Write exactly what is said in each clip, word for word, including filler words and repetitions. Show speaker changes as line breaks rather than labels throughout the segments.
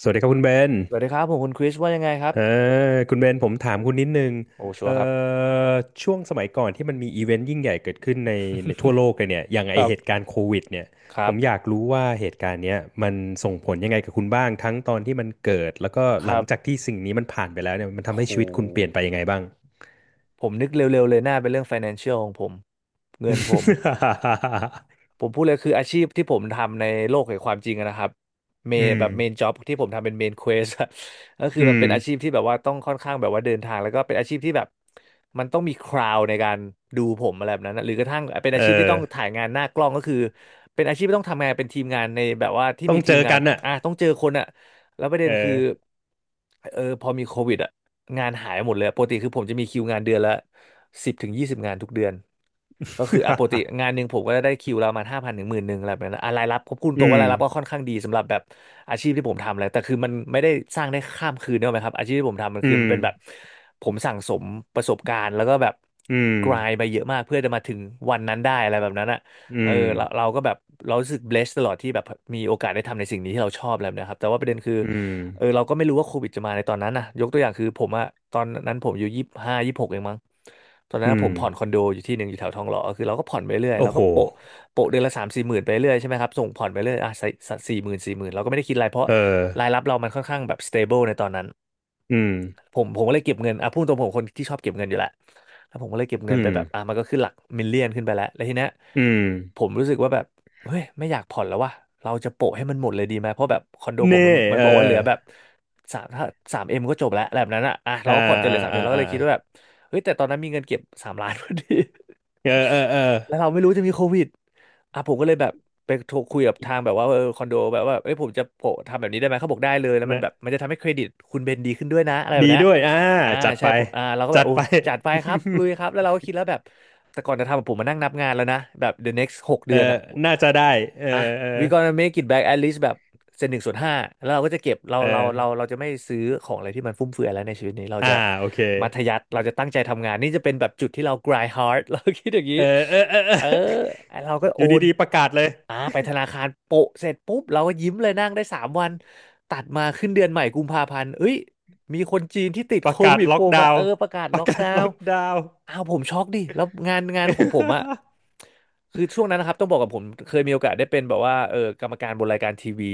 สวัสดีครับคุณเบน
สวัสดีครับผมคุณคริสว่ายังไงครับ
เออคุณเบนผมถามคุณนิดนึง
โอ้ชัว
เอ่อ
ร์ครับ
ช่วงสมัยก่อนที่มันมีอีเวนต์ยิ่งใหญ่เกิดขึ้นในในทั่วโลกเลยเนี่ยอย่าง
ค
ไอ
รั
เหตุ
บ
การณ์โควิดเนี่ย
ค
ผ
รับ
มอยากรู้ว่าเหตุการณ์เนี้ยมันส่งผลยังไงกับคุณบ้าง ทั้งตอนที่มันเกิด แล้วก็
ค
หลั
รั
ง
บ
จากที่สิ่งนี้มันผ่านไปแล้วเนี่ยมัน
โ
ทำให้ชีวิตคุณเปลี่ยน
ห
ไปยังไงบ้าง
ผมนึกเร็วๆเลยน่าเป็นเรื่อง financial ของผมเงินผม ผมพูดเลยคืออาชีพที่ผมทำในโลกแห่งความจริงอะนะครับเม น
อืม
แบบเมนจ็อบที่ผมทำเป็นเมนเควส ก็คือ
อื
มัน
ม
เป็นอาชีพที่แบบว่าต้องค่อนข้างแบบว่าเดินทางแล้วก็เป็นอาชีพที่แบบมันต้องมีคราวในการดูผมอะไรแบบนั้นนะหรือกระทั่งเป็น
เอ
อาชีพที่ต้อง
อ
ถ่ายงานหน้ากล้องก็คือเป็นอาชีพที่ต้องทำงานเป็นทีมงานในแบบว่าที่
ต้อ
มี
ง
ที
เจ
ม
อ
งาน
กันน่ะ
อ่ะต้องเจอคนอะแล้วประเด็
เอ
นคือ
อ
เออพอมีโควิดอะงานหายหมดเลยปกติคือผมจะมีคิวงานเดือนละสิบถึงยี่สิบงานทุกเดือน ก็คืออ่ะปกติ งานหนึ่งผมก็ได้คิวเราประมาห้าพันถึงหมื่นหนึ่งอะไรแบบนั้นอ่ะรายรับผมพูด
อื
ตรงว่า
ม
รายรับก็ค่อนข้างดีสำหรับแบบอาชีพที่ผมทำเลยแต่คือมันไม่ได้สร้างได้ข้ามคืนเนกอะไหมครับอาชีพที่ผมทำมันคือ
อื
มัน
ม
เป็นแบบผมสั่งสมประสบการณ์แล้วก็แบบ
อืม
กรายไปเยอะมากเพื่อจะมาถึงวันนั้นได้อะไรแบบนั้นอ่ะ
อื
เออ
ม
เราเราก็แบบเรารู้สึก blessed ตลอดที่แบบมีโอกาสได้ทำในสิ่งนี้ที่เราชอบอะไรแบบนะครับแต่ว่าประเด็นคือ
อืม
เออเราก็ไม่รู้ว่าโควิดจะมาในตอนนั้นนะยกตัวอย่างคือผมอะตอนนั้นผมอายู่ยี่สิบห้ายี่สิบหกเองมั้งตอนนั้น
อื
ผ
มอื
มผ่อนคอ
ม
นโดอยู่ที่หนึ่งอยู่แถวทองหล่อคือเราก็ผ่อนไปเรื่อย
โอ้
เรา
โห
ก็โปะโปะเดือนละสามสี่หมื่นไปเรื่อยใช่ไหมครับส่งผ่อนไปเรื่อยอ่ะสี่หมื่นสี่หมื่นเราก็ไม่ได้คิดอะไรเพราะ
เออ
รายรับเรามันค่อนข้างแบบ stable ในตอนนั้น
อืม
ผมผมก็เลยเก็บเงินอ่ะพูดตรงผมคนที่ชอบเก็บเงินอยู่แหละแล้วผมก็เลยเก็บ
อื
เงินไป
ม
แบบอ่ะมันก็ขึ้นหลักมิลเลียนขึ้นไปแล้วแล้วทีเนี้ย
อืม
ผมรู้สึกว่าแบบ เฮ้ยไม่อยากผ่อนแล้วว่ะเราจะโปะให้มันหมดเลยดีไหมเพราะแบบคอนโดผมมั
เน่
นมัน
เออ
บอกว่าเหลือแบบสามถ้าสามเอ็มก็จบแล้วแบบนั้นอ่ะอ่ะเรา
อ่า
ก็ผ่อนจนเห
อ่า
ลือสามเอ็
อ่า
มเราก็
อ่า
เลยคิดว่าแบบเฮ้ยแต่ตอนนั้นมีเงินเก็บสามล้านพอดี
เออเออเออ
แล้วเราไม่รู้จะมีโควิดอ่ะผมก็เลยแบบไปโทรคุยกับทางแบบว่าเออคอนโดแบบว่าเอ้ยผมจะโปะทำแบบนี้ได้ไหมเขาบอกได้เลยแล้วมัน
นะ
แบบมันจะทำให้เครดิตคุณเบนดีขึ้นด้วยนะอะไรแบบ
ดี
เนี้ย
ด้วยอ่า
อ่า
จัด
ใช่
ไป
ผมอ่าเราก็แบ
จั
บ
ด
โอ้
ไป
จัดไปครับลุยครับแล้วเราก็คิดแล้วแบบแต่ก่อนจะทำอะผมมานั่งนับงานแล้วนะแบบ the next หก
เอ
เดื
อ
อนอะ
น่าจะได้เออ
อ่ะ
เออ
we gonna make it back at least แบบเซนหนึ่งส่วนห้าแล้วเราก็จะเก็บเรา
เอ
เรา
อ
เราเราจะไม่ซื้อของอะไรที่มันฟุ่มเฟือยแล้วในชีวิตนี้เรา
อ่า
จะ
โอเค
มัธยัสถ์เราจะตั้งใจทำงานนี่จะเป็นแบบจุดที่เรา grind hard เราคิดอย่างนี้
เออเออเออเอ
เอ
อ
อเราก็
อ
โอ
ยู่
น
ดีๆประกาศเลย
อ่าไปธนาคารโปะเสร็จปุ๊บเราก็ยิ้มเลยนั่งได้สามวันตัดมาขึ้นเดือนใหม่กุมภาพันธ์เอ้ยมีคนจีนที่ติด
ป
โค
ระกาศ
วิด
ล็
โผ
อ
ล่
ก
มา
ดาว
เออ
น์
ประกาศ
ประ
ล็อก
กาศ
ดา
ล็
ว
อ
น์
กดาวน์
อ้าวผมช็อกดิแล้วงานงานของผมอะ คือช่วงนั้นนะครับต้องบอกกับผมเคยมีโอกาสได้เป็นแบบว่าเออกรรมการบนรายการทีวี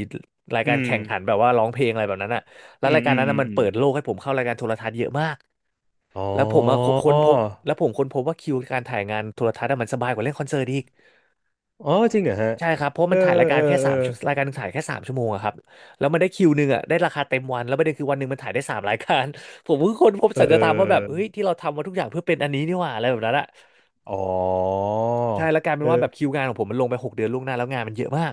ราย
อื
การ
ม
แข่งขันแบบว่าร้องเพลงอะไรแบบนั้นอะแล้ว
อืม
รายการ
อืม
นั้น
อื
อะ
ม
มัน
อืม
เปิดโลกให้ผมเข้ารายการโทรทัศน์เยอะมาก
อ๋อ
แล้วผมอะค้นพบแล้วผมค้นพบว่าคิวการถ่ายงานโทรทัศน์อะมันสบายกว่าเล่นคอนเสิร์ตอีก
อ๋อจริงเหรอฮะ
ใช่ครับ เพราะ
เออ
มันถ่ายรายกา
เอ
ร
อ
แค่
เอ
สา
อ
มชั่วรายการหนึงถ่ายแค่สามชั่วโมงอะครับแล้วมันได้คิวหนึ่งอะได้ราคาเต็มวันแล้วประเด็นคือวันหนึ่งมันถ่ายได้สามรายการ ผมเพิ่งค้นพบ
เอ
สัจธรรมว่าแบบ
อ
เฮ้ยที่เราทำมาทุกอย่างเพื่อเป็นอันนี้นี่หว่าอะไรแบบนั้นอะ
อ๋อ
ใช่แล้วกลายเป็
เอ
นว่าแบบ
อ
คิวงานของผมมันลงไปหกเดือนล่วงหน้าแล้วงานมันเยอะมาก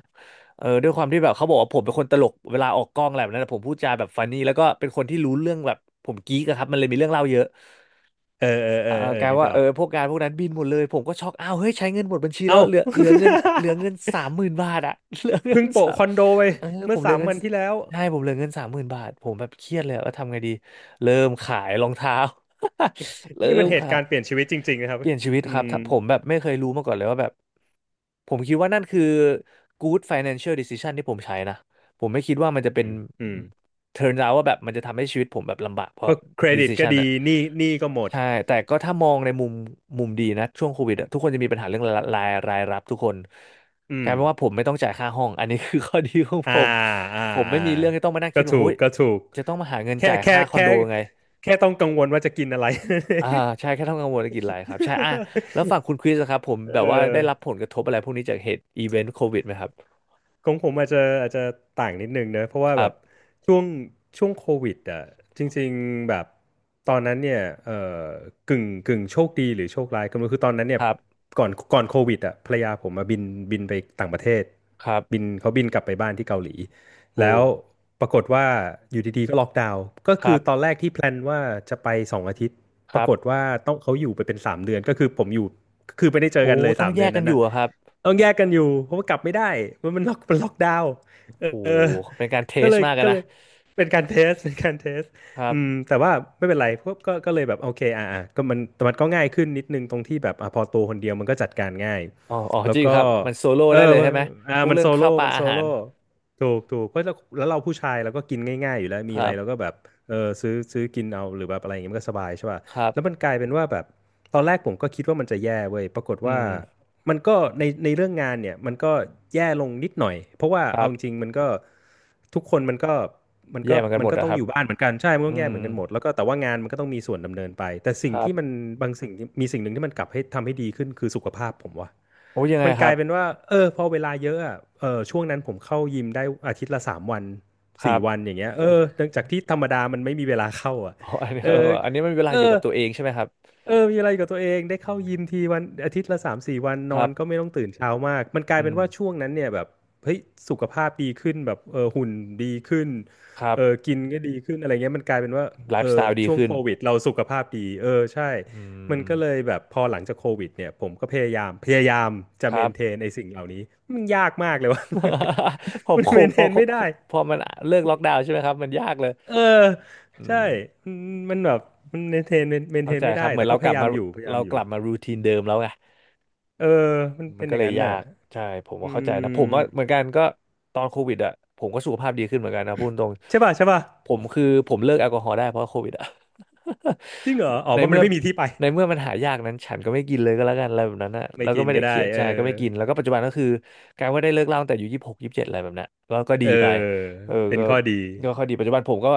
เออด้วยความที่แบบเขาบอกว่าผมเป็นคนตลกเวลาออกกล้องอะไรแบบนั้นอะผมพูดจาแบบฟันนี่แล้วก็เป็นคนที่รู้เรื่องแบบผมกิ๊กอะครับมันเลยมีเรื่องเล่าเยอะ
เออเออเอ
เอ
อ
อ
เออ
กลาย
นึก
ว่า
อ
เอ
อ
อ
ก
พวกงานพวกนั้นบินหมดเลยผมก็ช็อกอ้าวเฮ้ยใช้เงินหมดบัญชีแล้
เอ้า
วเหลือเหลือเงินเหลือเงิน สามหมื่นบาทอะ เหลือเงิ
เพิ่
น
ง
สา
โปะ
ม
คอนโดไป
เออผ
เมื่อ
มเหลื
สา
อ
ม
เงิน
วันที่แล้ว
ใช่ผมเหลือเงินสามหมื่นบาทผมแบบเครียดเลยว่าทำไงดีเริ่มขายรองเท้า เริ่
นี่มั
ม
นเหตุ
ขา
กา
ย
รณ์เปลี่ยนชีวิตจริงๆนะครับ
เปลี่ยนชีวิต
อื
ครับ
ม
ถ้าผมแบบไม่เคยรู้มาก่อนเลยว่าแบบผมคิดว่านั่นคือ good financial decision ที่ผมใช้นะผมไม่คิดว่ามันจะเป็
อื
น
มอืม
turn out ว่าแบบมันจะทำให้ชีวิตผมแบบลำบากเพ
เพ
ราะ
ราะเครดิตก็
decision
ดี
อะ
หนี้หนี้ก็หมด
ใช่แต่ก็ถ้ามองในมุมมุมดีนะช่วงโควิดอะทุกคนจะมีปัญหาเรื่องรายรายรายรับทุกคน
อื
กลา
ม
ยเป็นว่าผมไม่ต้องจ่ายค่าห้องอันนี้คือ ข้อดีของ
อ่า
ผม
อ่า
ผมไม่
อ่า
มีเรื่องที่ต้องมานั่ง
ก็
คิดว่า
ถู
เฮ้
ก
ย
ก็ถูก
จะต้องมาหาเงิน
แค่
จ่าย
แค่
ค่าคอน
แค่
โดยังไง
แค่ต้องกังวลว่าจะกินอะไร
อ่าใช่แค่ทำงานวนธุรกิจหลายครับใช่อ่ะแล้วฝั่ งคุณคริสอะครับผม
เ
แบบว่าได้
อ
รับผ
อ
ลกระทบอะไรพวกนี้จากเหตุอีเวนต์โควิดไหมครับ
ของผมอาจจะอาจจะต่างนิดนึงเนอะเพราะ
ค
ว่า
รั
แบบ
บ
ช่วงช่วงโควิดอ่ะจริงๆแบบตอนนั้นเนี่ยเอ่อกึ่งกึ่งโชคดีหรือโชคร้ายก็ไม่รู้คือตอนนั้น
ค
เนี่ย
รับ
ก่อนก่อนโควิดอ่ะภรรยาผมมาบินบินไปต่างประเทศ
ครับ
บินเขาบินกลับไปบ้านที่เกาหลี
โอ้
แล้วปรากฏว่าอยู่ดีๆก็ล็อกดาวน์ก็
ค
คื
รั
อตอน
บ
แรกที่แพลนว่าจะไปสองอาทิตย์
ค
ปรา
รับ
กฏว่าต้องเขาอยู่ไปเป็นสามเดือนก็คือผมอยู่คือไม่ได้เจอ
โอ้
กันเลย
ต้อ
สา
ง
ม
แย
เดือ
ก
น
กัน
นั้น
อยู่
น่ะ
อะครับ
ต้องแยกกันอยู่เพราะว่ากลับไม่ได้เพราะมันล็อกมันล็อกดาวน์เอ
โอ้
อ
เป็นการเท
ก็
ส
เลย
มากกัน
ก็เล
นะ
ยเป็นการเทสเป็นการเทส
ครั
อื
บ
มแต่ว่าไม่เป็นไรพวกก็ก็เลยแบบโอเคอ่าอ่าก็มันแต่มันก็ง่ายขึ้นนิดนึงตรงที่แบบอ่ะพอตัวคนเดียวมันก็จัดการง่าย
อ๋ออ๋อ
แล้ว
จริง
ก็
ครับมันโซโล่
เออ
ได้เลยใช่ไหม
อ่า
พวก
มัน
เรื่อ
โซ
ง
โล่
ข้าวปลา
มันโซ
อาหา
โล่
ร
ถูกถูกเพราะแล้วแล้วเราผู้ชายเราก็กินง่ายๆอยู่แล้ว
ค
มีอะ
รั
ไรเราก็
บ
แบบเออซื้อซื้อกินเอาหรือแบบอะไรอย่างเงี้ยมันก็สบายใช่ป่ะ
ครับ
แล้วมันกลายเป็นว่าแบบตอนแรกผมก็คิดว่ามันจะแย่เว้ยปรากฏ
อื
ว่า
ม
มันก็ในในเรื่องงานเนี่ยมันก็แย่ลงนิดหน่อยเพราะว่า
ครั
เอา
บ
จริงๆมันก็ทุกคนมันก็มัน
แย่
ก็
เหมือนกัน
มั
ห
น
มด
ก็
อะ
ต้อ
ค
ง
รับ
อยู่บ้านเหมือนกันใช่มัน
อื
ต้องแย่
ม
เหมือนกันหมดแล้วก็แต่ว่างานมันก็ต้องมีส่วนดำเนินไปแต่สิ่
ค
ง
รับ
ที่มันบางสิ่งที่มีสิ่งหนึ่งที่มันกลับให้ทำให้ดีขึ้นคือสุขภาพผมว่า
โอ้ยังไง
มัน
ค
ก
รั
ลา
บ
ยเป็นว่าเออพอเวลาเยอะอะเออช่วงนั้นผมเข้ายิมได้อาทิตย์ละสามวัน
ครั
สี่
บ
วันอย่างเงี้ยเอ
อัน
อ
นี้
จากที่ธรรมดามันไม่มีเวลาเข้าอ่ะ
อ๋ออันนี้
เอ
เออ
อ
อันนี้มันเวลา
เอ
อยู่
อ
กับตัวเองใช่ไหมครับ
เออมีอะไรกับตัวเองได้
อื
เข้า
ม
ยิมทีวันอาทิตย์ละสามสี่วัน
ค
นอ
รั
นก็ไม่
บ
ต้องตื่นเช้ามากมันกลาย
อื
เป็น
ม
ว่าช่วงนั้นเนี่ยแบบเฮ้ยสุขภาพดีขึ้นแบบเออหุ่นดีขึ้น
ครั
เออ
บ
กินก็ดีขึ้นอะไรเงี้ยมันกลายเป็นว่า
ไล
เอ
ฟ์สไต
อ
ล์ดี
ช่วง
ขึ้น
โควิดเราสุขภาพดีเออใช่
อื
มัน
ม
ก็เลยแบบพอหลังจากโควิดเนี่ยผมก็พยายามพยายามจะ
ค
เม
รับ
นเทนไอ้สิ่งเหล่านี้มันยากมากเลยวะ
พอ
มัน
โค
เมน
พ
เท
อ
นไม่
พอ
ได้
พอมันเลิกล็อกดาวน์ใช่ไหมครับมันยากเลย
เออ
อื
ใช่
ม
มันมันแบบมันเมนเทนเมนเท
เข้า
น
ใจ
ไม่
ค
ได้
รับเหมือ
แต่
นเรา
ก็พ
กลับ
ยายา
มา
มอยู่พยายาม
เรา
อ
ก
ยู่
ลับมารูทีนเดิมแล้วไง
เออมัน
มัน
เป็นอ
ก็
ย่า
เล
ง
ย
นั้น
ยา
น่ะ
กใช่ผม
อื
ว่าเข้าใจนะผม
ม
ว่าเหมือนกันก็ตอนโควิดอ่ะผมก็สุขภาพดีขึ้นเหมือนกันนะพูดตรง
ใช่ป่ะใช่ป่ะ
ผมคือผมเลิกแอลกอฮอล์ได้เพราะโควิดอ่ะ
จริงเหรออ๋อ
ใน
เพราะมั
เมื่
น
อ
ไม่มีที่ไป
ในเมื่อมันหายากนั้นฉันก็ไม่กินเลยก็แล้วกันอะไรแบบนั้นนะ
ไม่
แล้วก็
กิน
ไม่
ก็
ได้เค
ได้
รียด
เออ
ใช่ก็ไม่กินแล้วก็ปัจจุบันก็คือการว่าได้เลิกเหล้าตั้งแต่อายู่ยี่สิบหกยี่สิบเจ็ดอะไรแบบนั้นก็ก็ดี
เออ
ไปเออ
เป็น
ก็
ข้อดี
ก็ค่อยดีปัจจุบันผมก็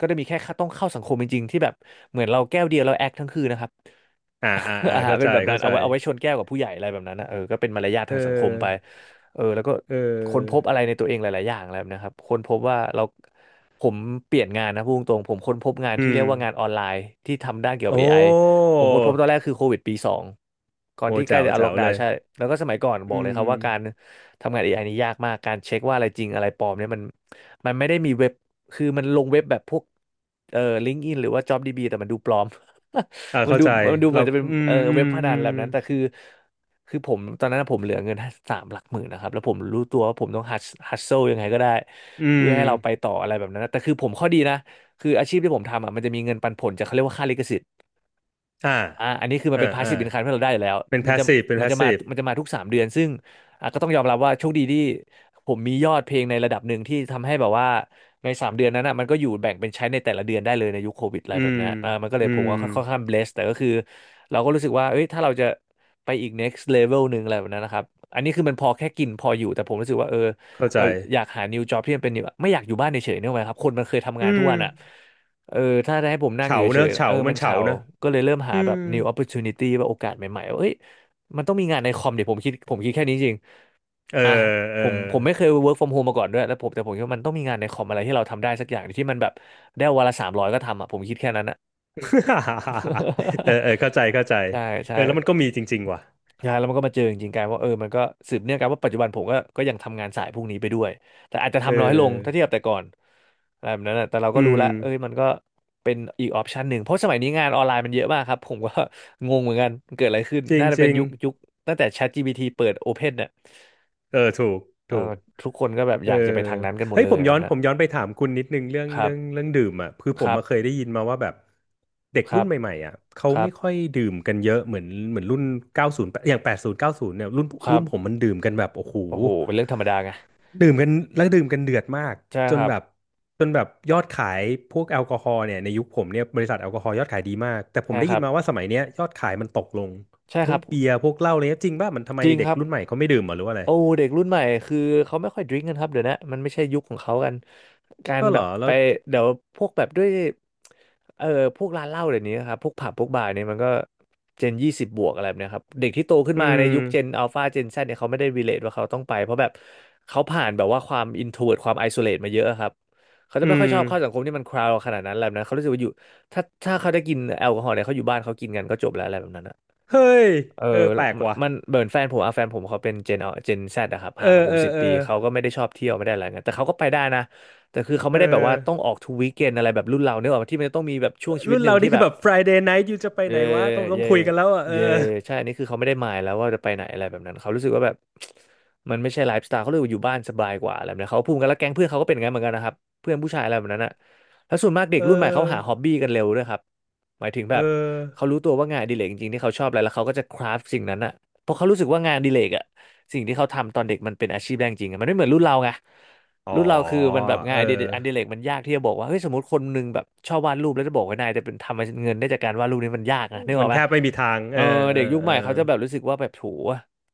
ก็จะมีแค่ต้องเข้าสังคมจริงๆที่แบบเหมือนเราแก้วเดียวเราแอคทั้งคืนนะครับ
อ่าอ่าอ่า
อ่า
เข้า
เป็
ใจ
นแบบนั้
เข้า
น
ใจ
เอาไว้เอาไว้ชนแก้วกับผู้ใหญ่อะไรแบบนั้นนะเออก็เป็นมารยาท
เ
ทางสังคมไป
ออ
เออแล้วก็
เอ
ค้นพ
อ
บอะไรในตัวเองหลายๆอย่างแล้วนะครับค้นพบว่าเราผมเปลี่ยนงานนะพูดตรงๆผมค้นพบงาน
อื
ที่เรีย
ม
กว่างานออนไลน์ที่ทำด้านเกี่ยวกั
โอ้
บ เอ ไอ ผมค้นพบตอนแรกคือโควิดปีสองก่อ
โห
นที่ใกล้
แจ๋ว
จะเอา
แจ๋
ล็อก
ว
ดา
เล
วน์
ย
ใช่แล้วก็สมัยก่อน
อื
บอกเลยครั
ม
บว่าการทำงานเอไอนี่ยากมากการเช็คว่าอะไรจริงอะไรปลอมเนี่ยมันมันไม่ได้มีเว็บ คือมันลงเว็บแบบพวกเอ่อลิงก์อินหรือว่า JobDB แต่มันดูปลอม
อ่า
มัน
เข้า
ดู
ใจ
มันดูเหมื
เรา
อนจะเป็น
อืม
เอ่อ
อื
เว็
ม
บพนั
อื
น
ม
แบบนั้นแต่คือคือผมตอนนั้นผมเหลือเงินสามหลักหมื่นนะครับแล้วผมรู้ตัวว่าผมต้องฮัสฮัสเซิลยังไงก็ได้
อื
เพื่
ม
อให้เราไปต่ออะไรแบบนั้นนะแต่คือผมข้อดีนะคืออาชีพที่ผมทำอ่ะมันจะมีเงินปันผลจากเขาเรียกว่าค่าลิขสิทธิ์
อ่า
อ่าอันนี้คือมัน
อ่า
เป็นพาส
อ่า
ซีฟอินคามที่เราได้อยู่แล้ว
เป็น
มันจะ
passive เป็น
มันจะมา
passive
มันจะมาทุกสามเดือนซึ่งอ่ะก็ต้องยอมรับว่าโชคดีที่ผมมียอดเพลงในระดับหนึ่งที่ทำให้แบบว่าในสามเดือนนั้นอ่ะมันก็อยู่แบ่งเป็นใช้ในแต่ละเดือนได้เลยในยุคโควิดอะไร
อื
แบบ
ม
เนี้ยอ่ามันก็เล
อื
ยผม
ม
ก็ค่อนข้างเบสแต่ก็คือเราก็รู้สึกว่าเอ้ยถ้าเราจะไปอีก next level หนึ่งอะไรแบบนั้นนะครับอันนี้คือมันพอแค่กินพออยู่แต่ผมรู้สึกว่าเออ
เข้าใจ
เราอยากหา new job ที่มันเป็น new ไม่อยากอยู่บ้านเฉยๆนึกออกไหมครับคนมันเคยทำ
อื
งานทุก
ม
วันอ่ะ เออถ้าได้ให้ผมนั่งอ
เฉา
ยู่
เน
เฉ
อะ
ยๆ
เฉา
เออ
มั
มั
น
น
เฉา
เฉา
เนอะ
ก็เลยเริ่ม
อื
หาแบ
ม
บ new opportunity ว่าโอกาสใหม่ๆว่าเอ้ยมันต้องมีงานในคอมเดี๋ยวผมคิดผมคิดแค่นี้จริง
เออ
อ่ะ
เอ
ผ
อ
มผมไม่เคย เวิร์คฟรอมโฮม มาก่อนด้วยแล้วผมแต่ผมคิดว่ามันต้องมีงานในคอมอะไรที่เราทำได้สักอย่างที่มันแบบได้วันละสามร้อยก็ทำอ่ะผมคิดแค่นั้นอ่ะ
เออ เออเข้าใจเข้าใจ
ใช่
เออแล้วมัน
ใช่
ก็มีจริงๆ ว่ะ
ใช่แล้วมันก็มาเจอจริงๆกลายว่าเออมันก็สืบเนื่องกันว่าปัจจุบันผมก็ก็ยังทำงานสายพวกนี้ไปด้วยแต่อาจจะ
เ
ทำน้อยลงถ้าเที
ออ
ยบแต่ก่อนอะไรแบบนั้นนะแต่เรา
อื
ก็รู้
ม
ละเอ้ยมันก็เป็นอีกออปชันหนึ่งเพราะสมัยนี้งานออนไลน์มันเยอะมากครับผมก็ งงเหมือนกันมันเกิดอะไรขึ้น
จริง
น่าจะ
จ
เป็น
ริง
ยุคยุคตั้งแต่ แชทจีพีที เปิด โอเพน เนี่ย
เออ ถูก
เอ่อ
ถูก
ทุกคนก็แบบ
เอ
อ
อ
ยากจะไปทางนั้นกันหมด
เฮ้ย
เล
ผ
ย
ม
อะไร
ย้อ
แบ
น
บนั้
ผ
น
มย้อนไปถามคุณนิดนึงเรื่อง
ครั
เรื่
บ
องเรื่องดื่มอ่ะคือผ
ค
ม
รั
มาเคย
บ
ได้ยินมาว่าแบบเด็ก
ค
รุ่
รั
น
บ
ใหม่ๆอ่ะเขา
ครั
ไม่
บ
ค่อยดื่มกันเยอะเหมือนเหมือนรุ่นเก้ายอย่างแปดศูเก้าสิบเนี่ยรุ่น
ครั
รุ่นผม
บ
มันดื่มกันแบบโอ้โห
โอ้โหเป็นเรื่องธรรมดาไง
ดื่มกันแล้วดื่มกันเดือดมาก
ใช่
จ
ค
น
รับ
แบบจนแบบยอดขายพวกแอลกอฮอล์เนี่ยในยุคผมเนี่ยบริษัทแอลกอฮอล์ยอดขายดีมากแต่ผ
ใช่
มได้
ค
ยิ
รั
น
บ
มาว่าสมัยเนี้ยยอดขายมันตกลง
ใช่ค
ทั้ง
รับ
เบียร์พวกเหล้าอะไรเลยจริงป่ะมันทำไม
จริง
เด็
ค
ก
รับ
รุ่นใหม่เขาไม่ดื่มเหรอหรือว่าอะไร
โอ้เด็กรุ่นใหม่คือเขาไม่ค่อยดริงกันครับเดี๋ยวนะมันไม่ใช่ยุคของเขากันการ
ก็
แบ
เหรอ
บ
แล้
ไป
ว
เดี๋ยวพวกแบบด้วยเอ่อพวกร้านเหล้าเดี๋ยวนี้ครับพวกผับพวกบาร์เนี่ยมันก็เจนยี่สิบบวกอะไรแบบเนี้ยครับเด็กที่โตขึ้น
อื
มาใน
ม
ยุคเจนอัลฟาเจนแซดเนี่ยเขาไม่ได้รีเลทว่าเขาต้องไปเพราะแบบเขาผ่านแบบว่าความอินโทรเวิร์ตความไอโซเลตมาเยอะครับเขาจะ
อื
ไม่ค่อ
ม
ยชอบเข้าสังคมที่มันคราวขนาดนั้นแล้วนะเขารู้สึกว่าอยู่ถ้าถ้าเขาได้กินแอลกอฮอล์เนี่ยเขาอยู่บ้านเขากินกันก็จบแล้วอะไรแบบนั้น
เฮ้ย
เออ
เออแปลกว่ะ
มันเหมือนแฟนผมอะแฟนผมเขาเป็นเจนเจนแซดอะครับ
เอ
ห่างกับ
อ
ผ
เอ
มสิ
อ
บ
เอ
ปี
อ
เขาก็ไม่ได้ชอบเที่ยวไม่ได้อะไรเงี้ยแต่เขาก็ไปได้นะ แต่คือเขา
เอ
ไม่
อ
ได้แบบว่าต้องออกทุกวีคเอนอะไรแบบรุ่นเราเนกอะที่มันจะต้องมีแบบช่วงชีวิ
รุ่
ต
น
หนึ่ง
เรา
ที่
นี่
แบ
คือ
บ
แบบ Friday night อยู่จะไปไห
เย่
นวะต้องต้อง
เย่
คุยกันแล้วอ่ะเออ
เย่ใช่อันนี้คือเขาไม่ได้หมายแล้วว่าจะไปไหนอะไรแบบนั้นเขารู้สึกว่าแบบ มันไม่ใช่ไลฟ์สไตล์เขาเลยกว่าอยู่บ้านสบายกว่าอะไรแบบนี้เขาพูดกันแล้วแก๊งเพื่อนเขาก็เป็นอย่างนั้นเหมือนกันนะครับเพื่อนผู้ชายอะไรแบบนั้นอ่ะแล้วส่วนมากเด็ก
เอ
รุ่นใหม่เขา
อ
หาฮอบบี้กันเร็วด้วยครับหมายถึงแบ
เออ
บเขารู้ตัวว่างานอดิเรกจริงๆที่เขาชอบอะไรแล้วเขาก็จะคราฟสิ่งนั้นอ่ะเพราะเขารู้สึกว่างานอดิเรกอ่ะสิ่งที่เขาทำตอนเด็กมันเป็นอาชีพแรงจริงอะมันไม่เหมือนรุ่นเราไง
อ๋อ
รุ่นเราคือมันแบบงา
เอ
น
อ
อดิเรกอดิเรกมันยากที่จะบอกว่าเฮ้ยสมมติคนหนึงแบบชอบวาดรูปแล้วจะบอกว่านายจะเป็นทำเงินได้จากการวาดรูปนี้มันยากนะนึกอ
มั
อ
น
กไหม
แทบไม่มีทาง
เอ
เอ
อ
อเอ
เด็
อ
กยุค
เออ
ใหม่เขาจะแบบรู้สึกว่าแบบโถ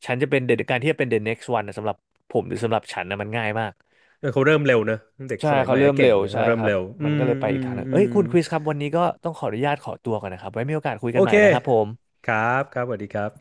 ฉันจะเป็นเดการที่จะเป็น เดอะเน็กซ์วัน นะสำหรับผมหรือสำหรับฉันนะมันง่ายมาก
เออเขาเริ่มเร็วเนอะเด็ก
ใช่
สมัย
เขา
ใหม่
เริ่
ก็
มเร็
เก่ง
ว
นะ
ใช่
เริ่
ค
ม
รับ
เร็ว
มัน
อื
ก็
ม
เลยไป
อื
อีก
ม
ทางหนึ่ง
อื
เอ้ย
ม
คุณคริสครับวันนี้ก็ต้องขออนุญาตขอตัวก่อนนะครับไว้มีโอกาสคุยกั
โอ
นใหม่
เค
นะครับผม
ครับครับสวัสดีครับ